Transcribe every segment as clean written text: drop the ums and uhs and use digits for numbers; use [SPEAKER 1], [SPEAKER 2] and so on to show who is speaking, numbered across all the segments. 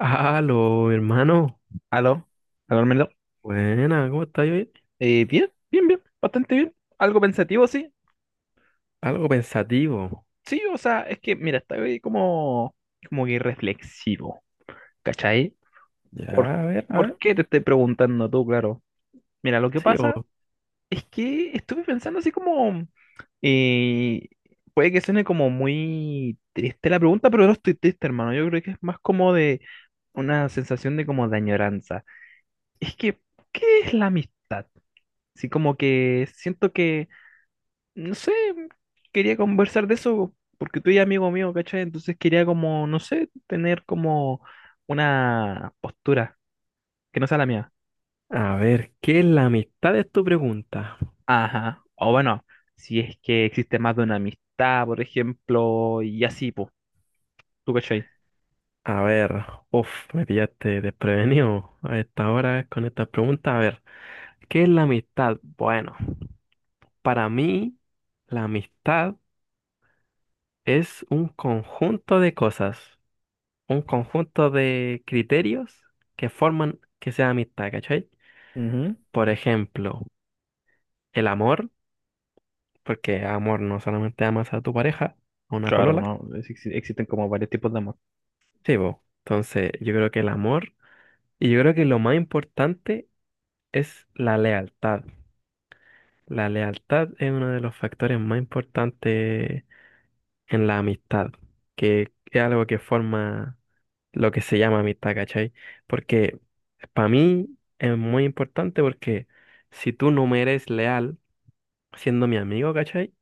[SPEAKER 1] Aló, hermano.
[SPEAKER 2] Aló, aló, Armando.
[SPEAKER 1] Buena, ¿cómo estás hoy?
[SPEAKER 2] Bien, bien, bien, bastante bien. Algo pensativo, sí.
[SPEAKER 1] Algo pensativo.
[SPEAKER 2] Sí, o sea, es que, mira, estoy como, como que reflexivo, ¿cachai? ¿Por,
[SPEAKER 1] Ya, a ver, a
[SPEAKER 2] por
[SPEAKER 1] ver.
[SPEAKER 2] qué te estoy preguntando tú, claro? Mira, lo que
[SPEAKER 1] Sí,
[SPEAKER 2] pasa
[SPEAKER 1] o...
[SPEAKER 2] es que estuve pensando así como, eh, puede que suene como muy triste la pregunta, pero no estoy triste, hermano. Yo creo que es más como de una sensación de como de añoranza. Es que, ¿qué es la amistad? Sí, como que siento que no sé, quería conversar de eso porque tú eres amigo mío, ¿cachai? Entonces quería como, no sé, tener como una postura que no sea la mía.
[SPEAKER 1] A ver, ¿qué es la amistad? Es tu pregunta.
[SPEAKER 2] Ajá. O bueno, si es que existe más de una amistad, por ejemplo, y así, pues, ¿tú cachai?
[SPEAKER 1] A ver, uff, me pillaste desprevenido a esta hora con esta pregunta. A ver, ¿qué es la amistad? Bueno, para mí, la amistad es un conjunto de cosas, un conjunto de criterios que forman que sea amistad, ¿cachai?
[SPEAKER 2] Ujú.
[SPEAKER 1] Por ejemplo, el amor. Porque amor no solamente amas a tu pareja, a una
[SPEAKER 2] Claro,
[SPEAKER 1] polola,
[SPEAKER 2] no, existen como varios tipos de amor.
[SPEAKER 1] sí, vos. Entonces, yo creo que el amor, y yo creo que lo más importante es la lealtad. La lealtad es uno de los factores más importantes en la amistad, que es algo que forma lo que se llama amistad, ¿cachai? Porque para mí es muy importante porque si tú no me eres leal siendo mi amigo, ¿cachai?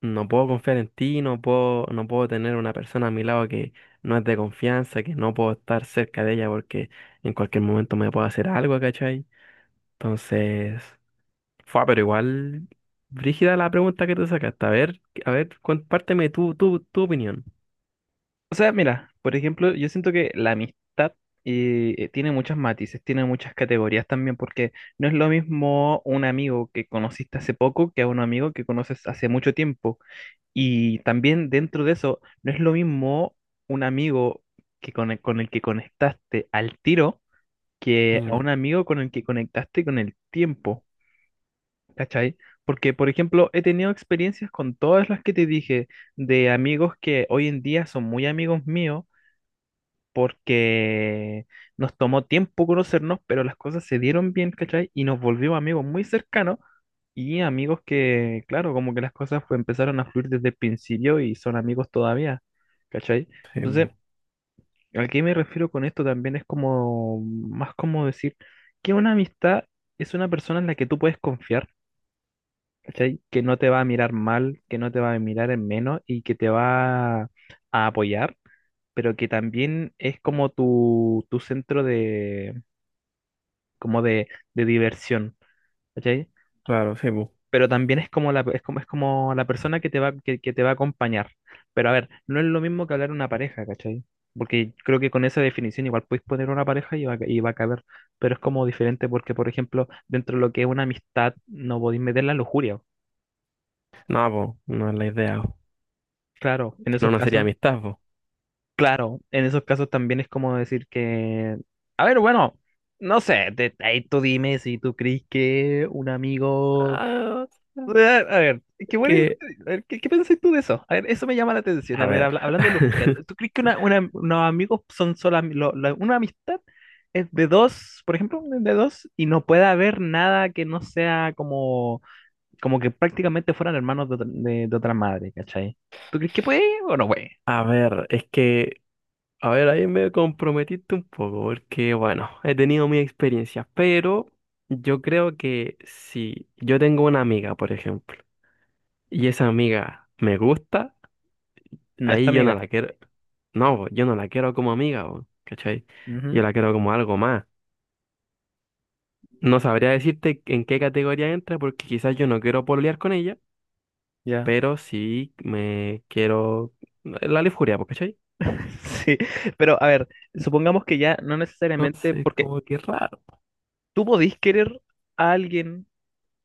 [SPEAKER 1] No puedo confiar en ti, no puedo, no puedo tener una persona a mi lado que no es de confianza, que no puedo estar cerca de ella porque en cualquier momento me puede hacer algo, ¿cachai? Entonces, fue, pero igual, brígida la pregunta que te sacaste. A ver, compárteme tu opinión.
[SPEAKER 2] O sea, mira, por ejemplo, yo siento que la amistad tiene muchos matices, tiene muchas categorías también, porque no es lo mismo un amigo que conociste hace poco que a un amigo que conoces hace mucho tiempo. Y también dentro de eso, no es lo mismo un amigo que con el que conectaste al tiro que a
[SPEAKER 1] Mm,
[SPEAKER 2] un amigo con el que conectaste con el tiempo, ¿cachai? Porque, por ejemplo, he tenido experiencias con todas las que te dije, de amigos que hoy en día son muy amigos míos porque nos tomó tiempo conocernos, pero las cosas se dieron bien, ¿cachai? Y nos volvimos amigos muy cercanos y amigos que, claro, como que las cosas empezaron a fluir desde el principio y son amigos todavía, ¿cachai?
[SPEAKER 1] sí,
[SPEAKER 2] Entonces,
[SPEAKER 1] po.
[SPEAKER 2] ¿a qué me refiero con esto? También es como, más como decir que una amistad es una persona en la que tú puedes confiar. ¿Cachai? Que no te va a mirar mal, que no te va a mirar en menos y que te va a apoyar, pero que también es como tu centro de, como de diversión, ¿cachai?
[SPEAKER 1] Claro, sí, po.
[SPEAKER 2] Pero también es como la persona que te va, que te va a acompañar. Pero a ver, no es lo mismo que hablar una pareja, ¿cachai? Porque creo que con esa definición igual puedes poner una pareja y va, y va a caber, pero es como diferente porque, por ejemplo, dentro de lo que es una amistad no podéis meter la lujuria.
[SPEAKER 1] No, po, no es la idea. Po.
[SPEAKER 2] Claro, en
[SPEAKER 1] Si no,
[SPEAKER 2] esos
[SPEAKER 1] no sería
[SPEAKER 2] casos.
[SPEAKER 1] amistad, po.
[SPEAKER 2] Claro, en esos casos también es como decir que, a ver, bueno, no sé, ahí tú dime si tú crees que un amigo...
[SPEAKER 1] Ah,
[SPEAKER 2] A a ver, ¿qué, bueno,
[SPEAKER 1] que,
[SPEAKER 2] a ver, ¿qué, qué piensas tú de eso? A ver, eso me llama la atención.
[SPEAKER 1] a
[SPEAKER 2] A ver,
[SPEAKER 1] ver.
[SPEAKER 2] hablando de lujuria, ¿tú crees que unos amigos son solo... una amistad es de dos, por ejemplo, de dos, y no puede haber nada que no sea como, como que prácticamente fueran hermanos de, de otra madre, ¿cachai? ¿Tú crees que puede o no puede?
[SPEAKER 1] A ver, es que a ver, ahí me comprometiste un poco, porque bueno, he tenido mi experiencia, pero yo creo que si yo tengo una amiga, por ejemplo, y esa amiga me gusta,
[SPEAKER 2] No es tu
[SPEAKER 1] ahí yo no
[SPEAKER 2] amiga.
[SPEAKER 1] la quiero, no, bo, yo no la quiero como amiga, bo, ¿cachai? Yo
[SPEAKER 2] Ujú,
[SPEAKER 1] la quiero como algo más. No sabría decirte en qué categoría entra, porque quizás yo no quiero pololear con ella,
[SPEAKER 2] ya.
[SPEAKER 1] pero sí me quiero la lujuria, bo, ¿cachai?
[SPEAKER 2] Sí, pero a ver, supongamos que ya no necesariamente,
[SPEAKER 1] Entonces,
[SPEAKER 2] porque
[SPEAKER 1] como que raro,
[SPEAKER 2] tú podís querer a alguien,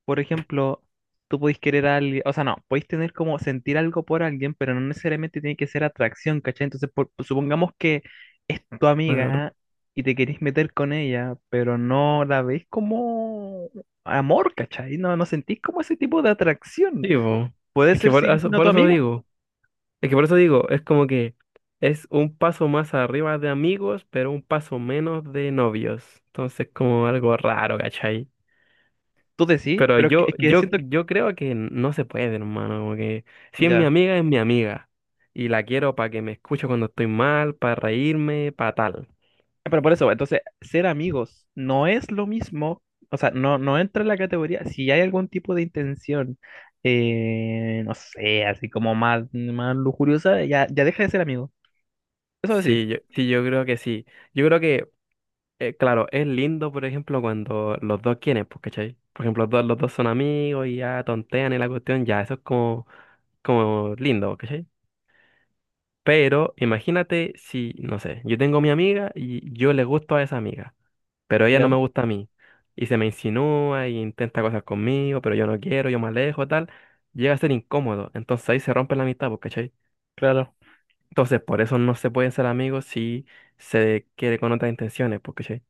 [SPEAKER 2] por ejemplo, tú podís querer a alguien, o sea, no, podéis tener como sentir algo por alguien, pero no necesariamente tiene que ser atracción, ¿cachai? Entonces, supongamos que es tu
[SPEAKER 1] claro.
[SPEAKER 2] amiga y te querés meter con ella, pero no la veis como amor, ¿cachai? No, no sentís como ese tipo de atracción.
[SPEAKER 1] Sí, bo,
[SPEAKER 2] Puede
[SPEAKER 1] es que
[SPEAKER 2] ser si siendo
[SPEAKER 1] por
[SPEAKER 2] tu
[SPEAKER 1] eso
[SPEAKER 2] amiga,
[SPEAKER 1] digo. Es que por eso digo, es como que es un paso más arriba de amigos, pero un paso menos de novios. Entonces, como algo raro, ¿cachai?
[SPEAKER 2] tú decís,
[SPEAKER 1] Pero
[SPEAKER 2] pero
[SPEAKER 1] yo,
[SPEAKER 2] es que
[SPEAKER 1] yo,
[SPEAKER 2] siento,
[SPEAKER 1] yo creo que no se puede, hermano. Como que si es mi
[SPEAKER 2] ya.
[SPEAKER 1] amiga, es mi amiga. Y la quiero para que me escuche cuando estoy mal, para reírme, para tal.
[SPEAKER 2] Pero por eso, entonces, ser amigos no es lo mismo, o sea, no, no entra en la categoría, si hay algún tipo de intención, no sé, así como más, más lujuriosa, ya, ya deja de ser amigo. Eso sí,
[SPEAKER 1] Sí, yo, sí, yo creo que sí. Yo creo que, claro, es lindo, por ejemplo, cuando los dos quieren, pues, ¿cachai? Por ejemplo, los dos son amigos y ya tontean en la cuestión, ya, eso es como, como lindo, ¿cachai? Pero imagínate si, no sé, yo tengo mi amiga y yo le gusto a esa amiga, pero ella no
[SPEAKER 2] ya,
[SPEAKER 1] me gusta a mí. Y se me insinúa y intenta cosas conmigo, pero yo no quiero, yo me alejo, tal. Llega a ser incómodo. Entonces ahí se rompe la amistad, pues, ¿cachai?
[SPEAKER 2] claro,
[SPEAKER 1] Entonces por eso no se pueden ser amigos si se quiere con otras intenciones, pues, ¿cachai?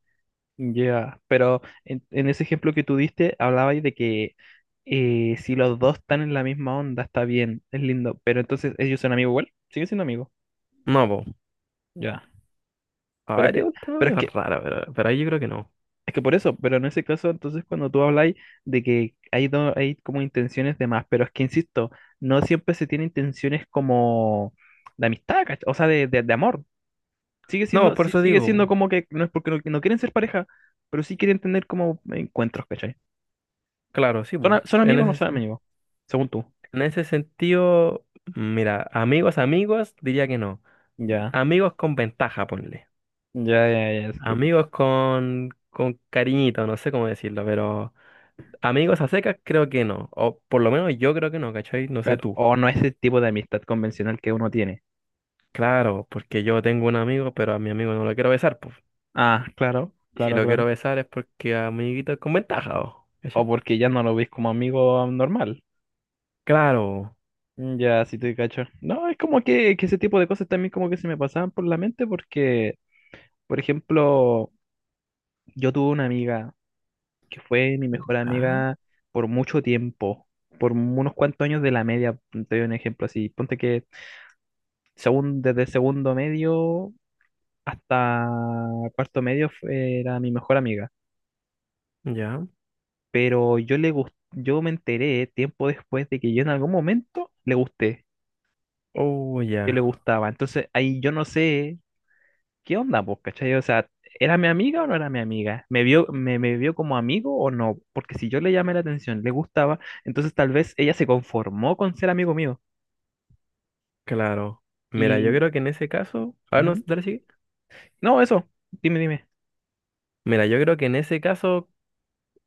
[SPEAKER 2] ya. Pero en ese ejemplo que tú diste, hablabais de que si los dos están en la misma onda, está bien, es lindo, pero entonces ellos son amigos igual, siguen siendo amigos,
[SPEAKER 1] No, pues.
[SPEAKER 2] ya.
[SPEAKER 1] A
[SPEAKER 2] Pero es
[SPEAKER 1] ver, es
[SPEAKER 2] que,
[SPEAKER 1] un tema
[SPEAKER 2] pero
[SPEAKER 1] medio
[SPEAKER 2] es que
[SPEAKER 1] raro, pero ahí yo creo que no.
[SPEAKER 2] es que por eso, pero en ese caso, entonces cuando tú habláis de que hay, hay como intenciones de más, pero es que insisto, no siempre se tienen intenciones como de amistad, ¿cach- O sea, de, de amor. Sigue
[SPEAKER 1] No,
[SPEAKER 2] siendo,
[SPEAKER 1] por
[SPEAKER 2] sí,
[SPEAKER 1] eso
[SPEAKER 2] sigue
[SPEAKER 1] digo,
[SPEAKER 2] siendo
[SPEAKER 1] po.
[SPEAKER 2] como que no es porque no, no quieren ser pareja, pero sí quieren tener como encuentros, ¿cachai?
[SPEAKER 1] Claro, sí,
[SPEAKER 2] ¿Son,
[SPEAKER 1] po.
[SPEAKER 2] son
[SPEAKER 1] En
[SPEAKER 2] amigos o no
[SPEAKER 1] ese,
[SPEAKER 2] son
[SPEAKER 1] sen-
[SPEAKER 2] amigos? Según tú.
[SPEAKER 1] en ese sentido, mira, amigos, amigos, diría que no.
[SPEAKER 2] Ya,
[SPEAKER 1] Amigos con ventaja, ponle.
[SPEAKER 2] ya, ya, ya, sí, te cacho.
[SPEAKER 1] Amigos con cariñito, no sé cómo decirlo, pero amigos a secas creo que no. O por lo menos yo creo que no, ¿cachai? No sé
[SPEAKER 2] Claro,
[SPEAKER 1] tú.
[SPEAKER 2] o no es el tipo de amistad convencional que uno tiene.
[SPEAKER 1] Claro, porque yo tengo un amigo, pero a mi amigo no lo quiero besar, pues.
[SPEAKER 2] Ah, claro,
[SPEAKER 1] Y si
[SPEAKER 2] claro,
[SPEAKER 1] lo
[SPEAKER 2] claro.
[SPEAKER 1] quiero besar es porque amiguito es con ventaja, o,
[SPEAKER 2] O
[SPEAKER 1] ¿cachai?
[SPEAKER 2] porque ya no lo ves como amigo normal.
[SPEAKER 1] Claro.
[SPEAKER 2] Mm, ya, sí te cacho. No, es como que ese tipo de cosas también como que se me pasaban por la mente porque, por ejemplo, yo tuve una amiga que fue mi mejor
[SPEAKER 1] Ah,
[SPEAKER 2] amiga por mucho tiempo, por unos cuantos años de la media, mm, te doy un ejemplo así, ponte que según, desde segundo medio hasta cuarto medio era mi mejor amiga,
[SPEAKER 1] ya.
[SPEAKER 2] pero yo yo me enteré tiempo después de que yo en algún momento le gusté,
[SPEAKER 1] Oh,
[SPEAKER 2] yo
[SPEAKER 1] ya.
[SPEAKER 2] le gustaba, entonces ahí yo no sé ¿qué onda, pues, cachai? O sea, ¿era mi amiga o no era mi amiga? ¿Me vio, me vio como amigo o no? Porque si yo le llamé la atención, le gustaba, entonces tal vez ella se conformó con ser amigo mío.
[SPEAKER 1] Claro. Mira, yo
[SPEAKER 2] Y...
[SPEAKER 1] creo que en ese caso. A ver, no,
[SPEAKER 2] ujú.
[SPEAKER 1] dale, sigue.
[SPEAKER 2] No, eso, dime, dime.
[SPEAKER 1] Mira, yo creo que en ese caso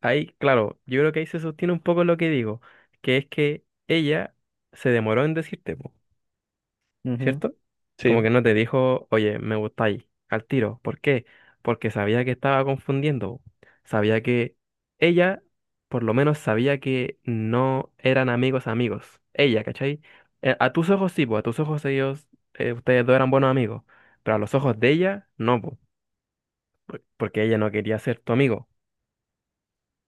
[SPEAKER 1] ahí, claro, yo creo que ahí se sostiene un poco lo que digo, que es que ella se demoró en decirte, po,
[SPEAKER 2] Ujú,
[SPEAKER 1] ¿cierto?
[SPEAKER 2] sí,
[SPEAKER 1] Como que no te dijo, oye, me gustáis, al tiro. ¿Por qué? Porque sabía que estaba confundiendo. Po. Sabía que ella, por lo menos, sabía que no eran amigos amigos. Ella, ¿cachai? A tus ojos sí, pues, a tus ojos ellos, ustedes dos eran buenos amigos, pero a los ojos de ella, no, po, porque ella no quería ser tu amigo.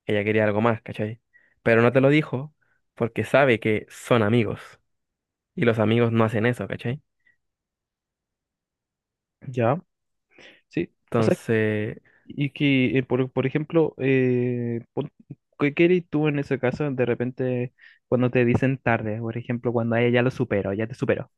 [SPEAKER 1] Ella quería algo más, ¿cachai? Pero no te lo dijo porque sabe que son amigos y los amigos no hacen eso, ¿cachai?
[SPEAKER 2] ya. Sí, o sea,
[SPEAKER 1] Entonces,
[SPEAKER 2] y que, por ejemplo, ¿qué qué harías tú en ese caso de repente cuando te dicen tarde? Por ejemplo, cuando a ella ya lo supero, ya te superó.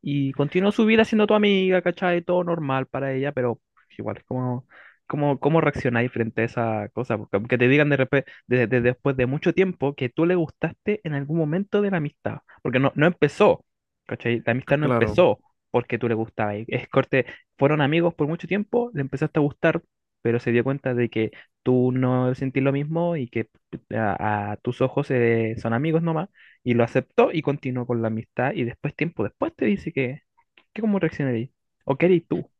[SPEAKER 2] Y continuó su vida siendo tu amiga, ¿cachai? Todo normal para ella, pero igual es como, como, cómo reaccionáis frente a esa cosa, porque aunque te digan de repente, después de mucho tiempo, que tú le gustaste en algún momento de la amistad, porque no, no empezó, ¿cachai? La amistad no
[SPEAKER 1] claro,
[SPEAKER 2] empezó porque tú le gustabas. Es corte, fueron amigos por mucho tiempo, le empezaste a gustar, pero se dio cuenta de que tú no sentís lo mismo y que a tus ojos son amigos nomás y lo aceptó y continuó con la amistad. Y después, tiempo después, te dice que cómo reaccionarías. O qué harías tú.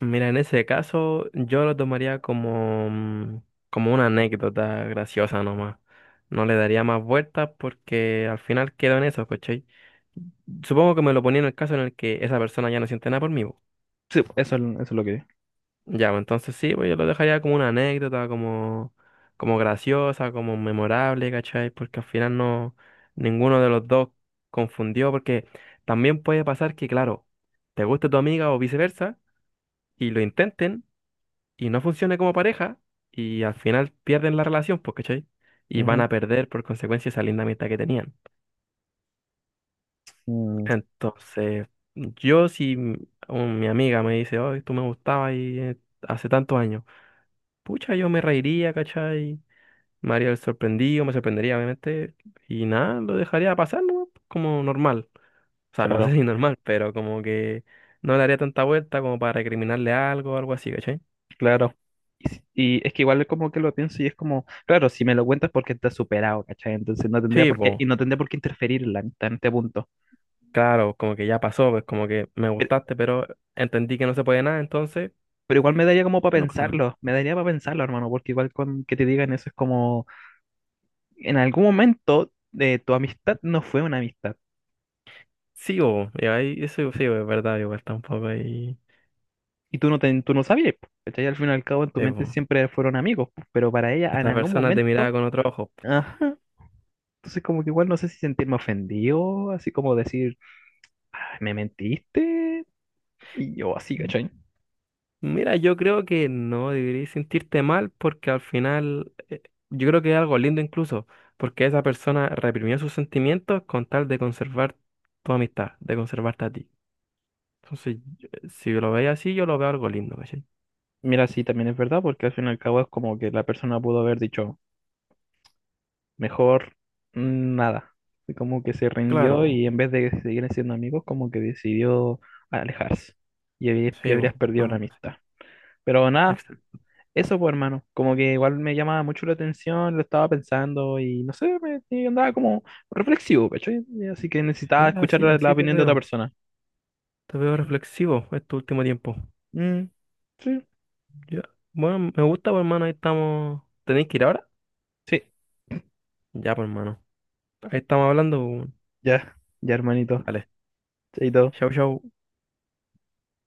[SPEAKER 1] mira, en ese caso yo lo tomaría como, mm, como una anécdota graciosa nomás. No le daría más vueltas porque al final quedó en eso, ¿cachai? Supongo que me lo ponía en el caso en el que esa persona ya no siente nada por mí,
[SPEAKER 2] Sí, pues, eso, eso es lo que...
[SPEAKER 1] ya, pues, entonces sí, pues yo lo dejaría como una anécdota, como, como graciosa, como memorable, ¿cachai? Porque al final no, ninguno de los dos confundió, porque también puede pasar que, claro, te guste tu amiga o viceversa, y lo intenten, y no funcione como pareja, y al final pierden la relación, pues, ¿cachai? Y van
[SPEAKER 2] Ujú.
[SPEAKER 1] a perder por consecuencia esa linda amistad que tenían.
[SPEAKER 2] Mm,
[SPEAKER 1] Entonces, yo si m- un- mi amiga me dice, oh, tú me gustabas y hace tantos años, pucha, yo me reiría, ¿cachai? Me haría el sorprendido, me sorprendería, obviamente. Y nada, lo dejaría pasar, ¿no? Como normal. O sea, no sé
[SPEAKER 2] claro,
[SPEAKER 1] si normal, pero como que no le haría tanta vuelta como para recriminarle algo o algo así, ¿cachai?
[SPEAKER 2] claro. Y, y es que igual como que lo pienso y es como, claro, si me lo cuentas porque está superado, ¿cachai? Entonces no tendría
[SPEAKER 1] Sí,
[SPEAKER 2] por qué,
[SPEAKER 1] pues,
[SPEAKER 2] y no tendría por qué interferir en la amistad en este punto.
[SPEAKER 1] claro, como que ya pasó, pues como que me
[SPEAKER 2] Pero,
[SPEAKER 1] gustaste, pero entendí que no se puede nada, entonces
[SPEAKER 2] pero igual me daría como para
[SPEAKER 1] ya no pasa nada.
[SPEAKER 2] pensarlo, me daría para pensarlo, hermano, porque igual con que te digan eso es como, en algún momento de tu amistad no fue una amistad.
[SPEAKER 1] Sí, po, y ahí eso sí, po, es verdad, igual está un poco ahí.
[SPEAKER 2] Y tú no, tú no sabías, po, ¿cachai? Al fin y al cabo en tu
[SPEAKER 1] Sí,
[SPEAKER 2] mente
[SPEAKER 1] po.
[SPEAKER 2] siempre fueron amigos, po, pero para ella en
[SPEAKER 1] Esa
[SPEAKER 2] algún
[SPEAKER 1] persona te miraba
[SPEAKER 2] momento,
[SPEAKER 1] con otro ojo.
[SPEAKER 2] ajá. Entonces como que igual no sé si sentirme ofendido, así como decir, "Ay, me mentiste, y yo así, ¿cachai?
[SPEAKER 1] Mira, yo creo que no deberías sentirte mal porque al final yo creo que es algo lindo incluso, porque esa persona reprimió sus sentimientos con tal de conservar tu amistad, de conservarte a ti. Entonces, si lo veis así, yo lo veo algo lindo, ¿cachai?
[SPEAKER 2] Mira, sí, también es verdad, porque al fin y al cabo es como que la persona pudo haber dicho, mejor mm, nada. Y como que se rindió
[SPEAKER 1] Claro,
[SPEAKER 2] y en vez de seguir siendo amigos, como que decidió alejarse. Y, y
[SPEAKER 1] sí,
[SPEAKER 2] habrías
[SPEAKER 1] bo,
[SPEAKER 2] perdido una
[SPEAKER 1] algo así.
[SPEAKER 2] amistad. Pero nada.
[SPEAKER 1] Excel-
[SPEAKER 2] Eso, pues, hermano, como que igual me llamaba mucho la atención, lo estaba pensando y no sé, me, y andaba como reflexivo, ¿cachai? Y así que
[SPEAKER 1] sí,
[SPEAKER 2] necesitaba escuchar
[SPEAKER 1] así,
[SPEAKER 2] la
[SPEAKER 1] así
[SPEAKER 2] opinión de otra persona.
[SPEAKER 1] te veo reflexivo este último tiempo.
[SPEAKER 2] Mm, sí,
[SPEAKER 1] Ya, bueno, me gusta, pues, hermano, ahí estamos. ¿Tenéis que ir ahora?
[SPEAKER 2] sí,
[SPEAKER 1] Ya, pues, hermano. Ahí estamos hablando. Bo.
[SPEAKER 2] ya, ya, hermanito.
[SPEAKER 1] Dale,
[SPEAKER 2] Chaito.
[SPEAKER 1] chau, chau.